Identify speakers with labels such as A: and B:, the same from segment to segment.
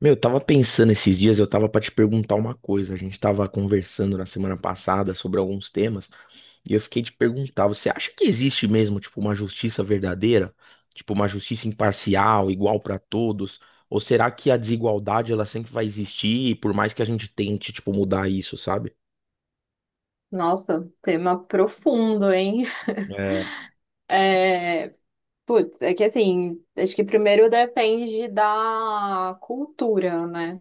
A: Meu, eu tava pensando esses dias, eu tava pra te perguntar uma coisa. A gente tava conversando na semana passada sobre alguns temas e eu fiquei te perguntar, você acha que existe mesmo, tipo, uma justiça verdadeira? Tipo, uma justiça imparcial, igual pra todos? Ou será que a desigualdade ela sempre vai existir, por mais que a gente tente, tipo, mudar isso, sabe?
B: Nossa, tema profundo, hein?
A: É.
B: É, putz, é que assim, acho que primeiro depende da cultura, né?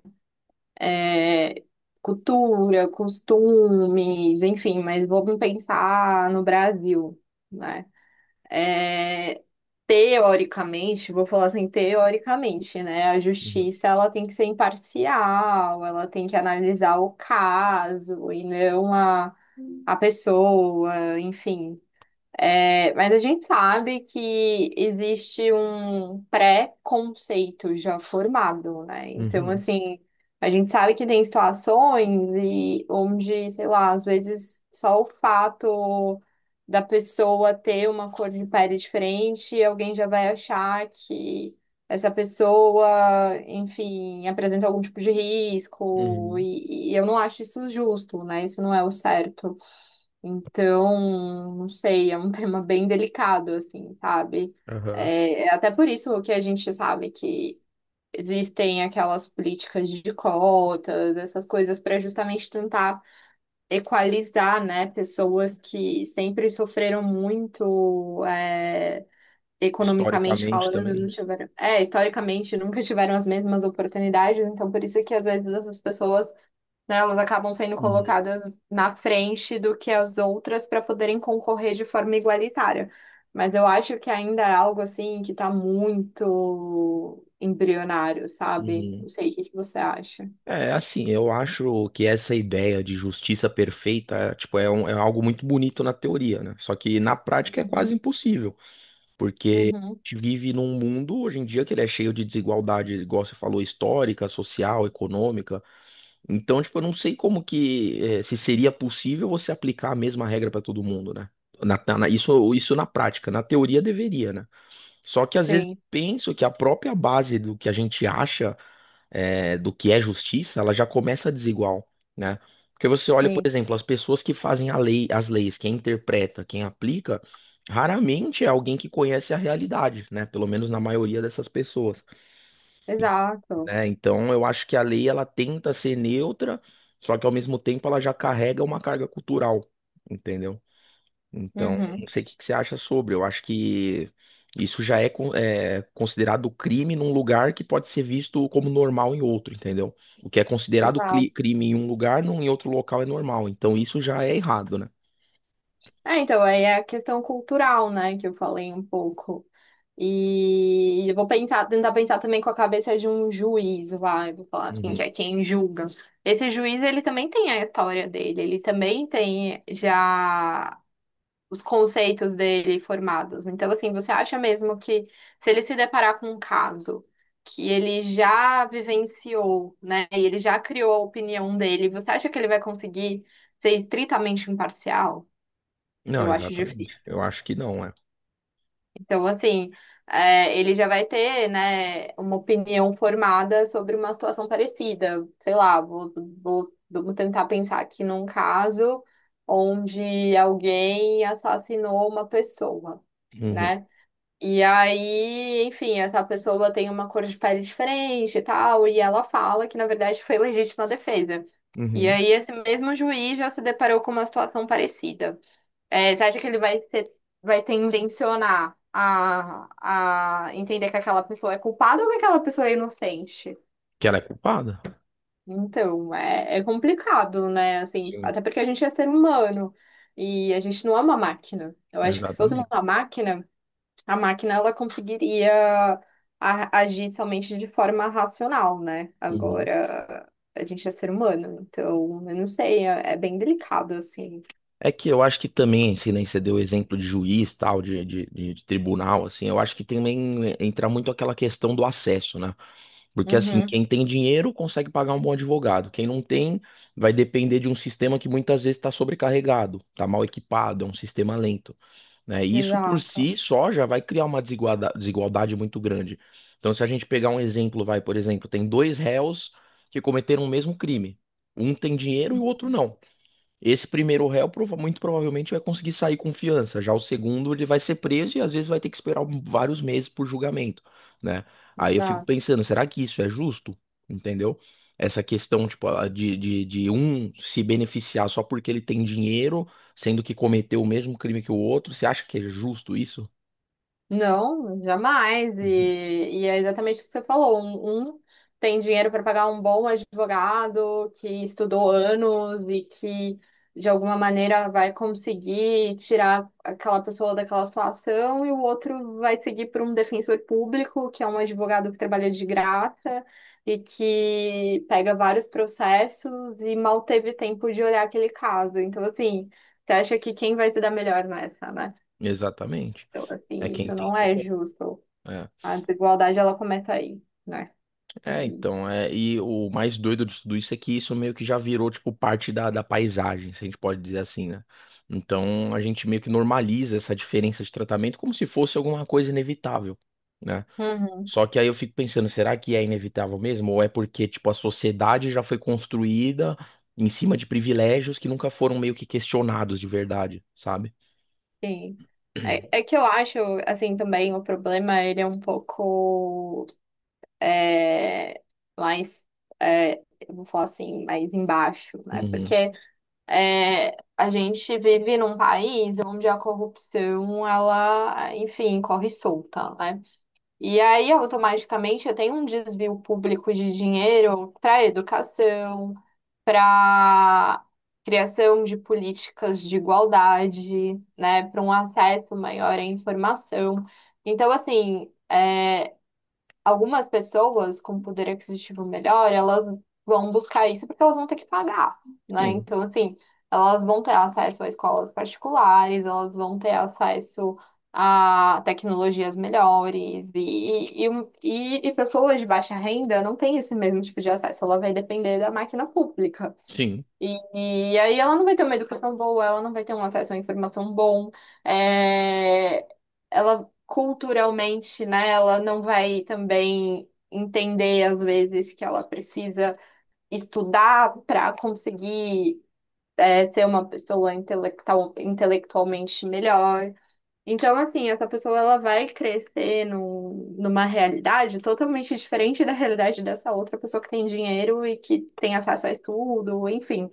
B: É, cultura, costumes, enfim, mas vamos pensar no Brasil, né? É, teoricamente, vou falar assim, teoricamente, né? A
A: Uhum.
B: justiça, ela tem que ser imparcial, ela tem que analisar o caso e não a pessoa, enfim. É, mas a gente sabe que existe um pré-conceito já formado, né? Então,
A: Uhum,
B: assim, a gente sabe que tem situações onde, sei lá, às vezes só o fato da pessoa ter uma cor de pele diferente, alguém já vai achar que essa pessoa, enfim, apresenta algum tipo de risco,
A: uhum,
B: e eu não acho isso justo, né? Isso não é o certo. Então, não sei, é um tema bem delicado, assim, sabe?
A: aham.
B: É, é até por isso que a gente sabe que existem aquelas políticas de cotas, essas coisas, para justamente tentar equalizar, né, pessoas que sempre sofreram muito, é, economicamente
A: Historicamente
B: falando, não
A: também.
B: tiveram, é, historicamente nunca tiveram as mesmas oportunidades, então por isso que às vezes essas pessoas né, elas acabam sendo
A: Uhum,
B: colocadas na frente do que as outras para poderem concorrer de forma igualitária. Mas eu acho que ainda é algo assim que está muito embrionário, sabe?
A: uhum.
B: Não sei, o que que você acha?
A: É, assim, eu acho que essa ideia de justiça perfeita, tipo, é algo muito bonito na teoria, né? Só que na prática é quase
B: Uhum,
A: impossível, porque
B: uhum.
A: a gente vive num mundo hoje em dia que ele é cheio de desigualdade, igual você falou, histórica, social, econômica. Então, tipo, eu não sei como que, se seria possível você aplicar a mesma regra para todo mundo, né? Isso na prática, na teoria deveria, né? Só que às vezes
B: Sim,
A: penso que a própria base do que a gente acha do que é justiça, ela já começa desigual, né? Porque você olha, por
B: sim.
A: exemplo, as pessoas que fazem a lei, as leis, quem interpreta, quem aplica, raramente é alguém que conhece a realidade, né? Pelo menos na maioria dessas pessoas,
B: Exato.
A: né? Então, eu acho que a lei ela tenta ser neutra, só que ao mesmo tempo ela já carrega uma carga cultural, entendeu? Então,
B: Uhum.
A: não sei o que que você acha sobre. Eu acho que isso já é, é considerado crime num lugar que pode ser visto como normal em outro, entendeu? O que é considerado
B: Exato.
A: crime em um lugar, não em outro local é normal. Então, isso já é errado, né?
B: É, então, aí é a questão cultural, né, que eu falei um pouco. E eu vou pensar, tentar pensar também com a cabeça de um juiz lá, eu vou falar quem que
A: Uhum.
B: é quem julga. Esse juiz, ele também tem a história dele, ele também tem já os conceitos dele formados. Então, assim, você acha mesmo que se ele se deparar com um caso que ele já vivenciou, né, e ele já criou a opinião dele, você acha que ele vai conseguir ser estritamente imparcial?
A: Não,
B: Eu acho
A: exatamente.
B: difícil.
A: Eu acho que não, é.
B: Então, assim, é, ele já vai ter, né, uma opinião formada sobre uma situação parecida. Sei lá, vou tentar pensar aqui num caso onde alguém assassinou uma pessoa,
A: Uhum.
B: né? E aí, enfim, essa pessoa tem uma cor de pele diferente e tal, e ela fala que, na verdade, foi legítima defesa. E
A: Uhum.
B: aí, esse mesmo juiz já se deparou com uma situação parecida. É, você acha que ele vai ter, vai tendencionar a entender que aquela pessoa é culpada ou que aquela pessoa é inocente?
A: Que ela é culpada?
B: Então, é, é complicado, né? Assim,
A: Sim,
B: até porque a gente é ser humano e a gente não é uma máquina. Eu acho que se fosse uma
A: exatamente.
B: máquina, a máquina ela conseguiria agir somente de forma racional, né?
A: Uhum.
B: Agora, a gente é ser humano, então, eu não sei, é, é bem delicado, assim.
A: É que eu acho que também, se nem você deu o exemplo de juiz, tal, de tribunal, assim, eu acho que também entra muito aquela questão do acesso, né? Porque assim,
B: Uhum.
A: quem tem dinheiro consegue pagar um bom advogado. Quem não tem, vai depender de um sistema que muitas vezes está sobrecarregado, está mal equipado, é um sistema lento, né? E isso por
B: Exato,
A: si só já vai criar uma desigualdade muito grande. Então, se a gente pegar um exemplo, vai, por exemplo, tem dois réus que cometeram o mesmo crime. Um tem dinheiro e o outro não. Esse primeiro réu muito provavelmente vai conseguir sair com fiança. Já o segundo, ele vai ser preso e às vezes vai ter que esperar vários meses por julgamento, né? Aí eu fico
B: exato.
A: pensando, será que isso é justo? Entendeu? Essa questão, tipo, de um se beneficiar só porque ele tem dinheiro, sendo que cometeu o mesmo crime que o outro, você acha que é justo isso?
B: Não, jamais.
A: Uhum.
B: E é exatamente o que você falou. Um tem dinheiro para pagar um bom advogado que estudou anos e que, de alguma maneira, vai conseguir tirar aquela pessoa daquela situação, e o outro vai seguir por um defensor público, que é um advogado que trabalha de graça e que pega vários processos e mal teve tempo de olhar aquele caso. Então, assim, você acha que quem vai se dar melhor nessa, né?
A: Exatamente.
B: Então,
A: É
B: assim,
A: quem
B: isso
A: tem
B: não é
A: dinheiro.
B: justo.
A: É.
B: A desigualdade, ela começa aí, né?
A: É,
B: E-
A: então, é, e o mais doido de tudo isso é que isso meio que já virou, tipo, parte da, da paisagem, se a gente pode dizer assim, né? Então, a gente meio que normaliza essa diferença de tratamento como se fosse alguma coisa inevitável, né?
B: Uhum,
A: Só que aí eu fico pensando, será que é inevitável mesmo? Ou é porque, tipo, a sociedade já foi construída em cima de privilégios que nunca foram meio que questionados de verdade, sabe?
B: sim. É, é que eu acho, assim, também o problema, ele é um pouco é, mais, é, eu vou falar assim, mais embaixo, né?
A: Uhum.
B: Porque é, a gente vive num país onde a corrupção, ela, enfim, corre solta, né? E aí, automaticamente, tem um desvio público de dinheiro para educação, para criação de políticas de igualdade, né, para um acesso maior à informação. Então, assim, é, algumas pessoas com poder aquisitivo melhor, elas vão buscar isso porque elas vão ter que pagar, né?
A: Sim,
B: Então, assim, elas vão ter acesso a escolas particulares, elas vão ter acesso a tecnologias melhores e pessoas de baixa renda não têm esse mesmo tipo de acesso, ela vai depender da máquina pública.
A: sim.
B: E, e aí ela não vai ter uma educação boa, ela não vai ter um acesso à informação bom, é, ela culturalmente, né, ela não vai também entender às vezes que ela precisa estudar para conseguir é, ser uma pessoa intelectual, intelectualmente melhor. Então, assim, essa pessoa ela vai crescer numa realidade totalmente diferente da realidade dessa outra pessoa que tem dinheiro e que tem acesso a estudo, enfim.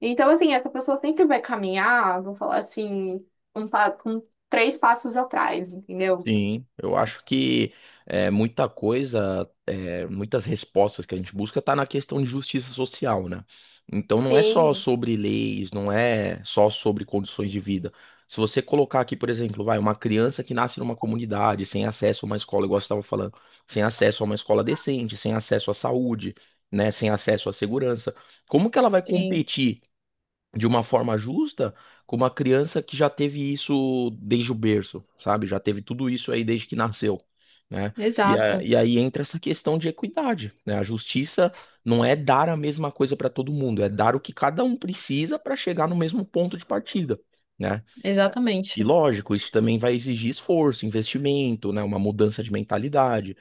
B: Então, assim, essa pessoa sempre vai caminhar, vou falar assim, com três passos atrás, entendeu?
A: Sim, eu acho que é, muita coisa, é, muitas respostas que a gente busca tá na questão de justiça social, né? Então não é só
B: Sim,
A: sobre leis, não é só sobre condições de vida. Se você colocar aqui, por exemplo, vai, uma criança que nasce numa comunidade, sem acesso a uma escola, igual você estava falando, sem acesso a uma escola decente, sem acesso à saúde, né, sem acesso à segurança, como que ela vai
B: sim,
A: competir? De uma forma justa com uma criança que já teve isso desde o berço, sabe? Já teve tudo isso aí desde que nasceu, né? E,
B: exato,
A: e aí entra essa questão de equidade, né? A justiça não é dar a mesma coisa para todo mundo, é dar o que cada um precisa para chegar no mesmo ponto de partida. Né? E
B: exatamente.
A: lógico, isso também vai exigir esforço, investimento, né? Uma mudança de mentalidade.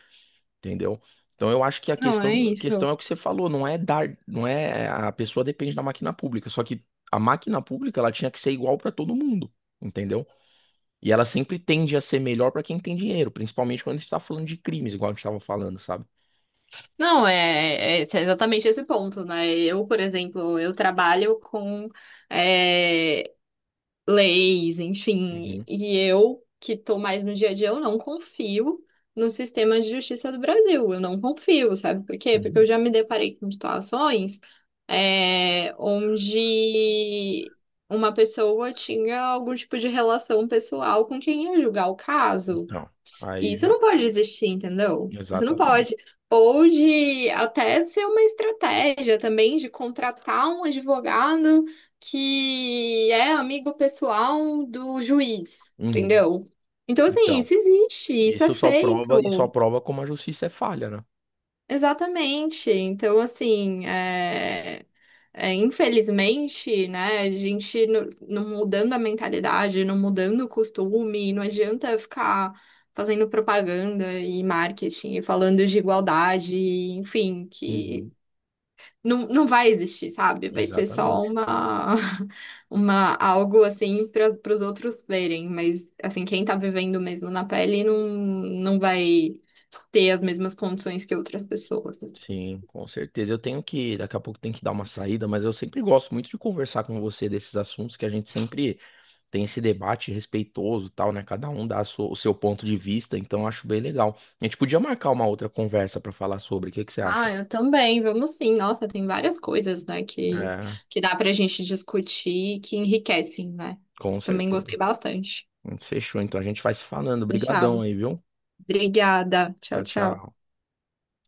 A: Entendeu? Então eu acho que
B: Não, é
A: a questão
B: isso.
A: é o que você falou, não é dar, não é a pessoa depende da máquina pública, só que a máquina pública ela tinha que ser igual para todo mundo, entendeu? E ela sempre tende a ser melhor para quem tem dinheiro, principalmente quando a gente está falando de crimes, igual a gente estava falando, sabe?
B: Não, é, é exatamente esse ponto, né? Eu, por exemplo, eu trabalho com eh, leis, enfim.
A: Uhum,
B: E eu, que estou mais no dia a dia, eu não confio no sistema de justiça do Brasil. Eu não confio, sabe por quê? Porque eu
A: uhum.
B: já me deparei com situações é, onde uma pessoa tinha algum tipo de relação pessoal com quem ia julgar o caso.
A: Então,
B: E
A: aí
B: isso
A: já,
B: não pode existir, entendeu? Isso não
A: exatamente.
B: pode. Ou de até ser uma estratégia também de contratar um advogado que é amigo pessoal do juiz,
A: Uhum.
B: entendeu? Então, assim,
A: Então,
B: isso existe, isso é
A: isso só prova, e só
B: feito.
A: prova como a justiça é falha, né?
B: Exatamente. Então, assim, é, é, infelizmente, né, a gente não, não mudando a mentalidade, não mudando o costume, não adianta ficar fazendo propaganda e marketing, e falando de igualdade, enfim, que
A: Uhum,
B: não, não vai existir, sabe? Vai ser só
A: exatamente.
B: uma, uma algo assim para os outros verem, mas assim, quem tá vivendo mesmo na pele não, não vai ter as mesmas condições que outras pessoas.
A: Sim, com certeza. Eu tenho que, daqui a pouco tem que dar uma saída, mas eu sempre gosto muito de conversar com você desses assuntos que a gente sempre tem esse debate respeitoso, e tal, né? Cada um dá o seu ponto de vista, então eu acho bem legal. A gente podia marcar uma outra conversa para falar sobre, o que que você acha?
B: Ah, eu também, vamos sim. Nossa, tem várias coisas, né,
A: É,
B: que dá pra gente discutir e que enriquecem, né?
A: com
B: Também
A: certeza.
B: gostei bastante.
A: A gente fechou, então a gente vai se falando. Obrigadão
B: Deixado.
A: aí, viu?
B: Obrigada.
A: Tchau,
B: Tchau, tchau.
A: tchau.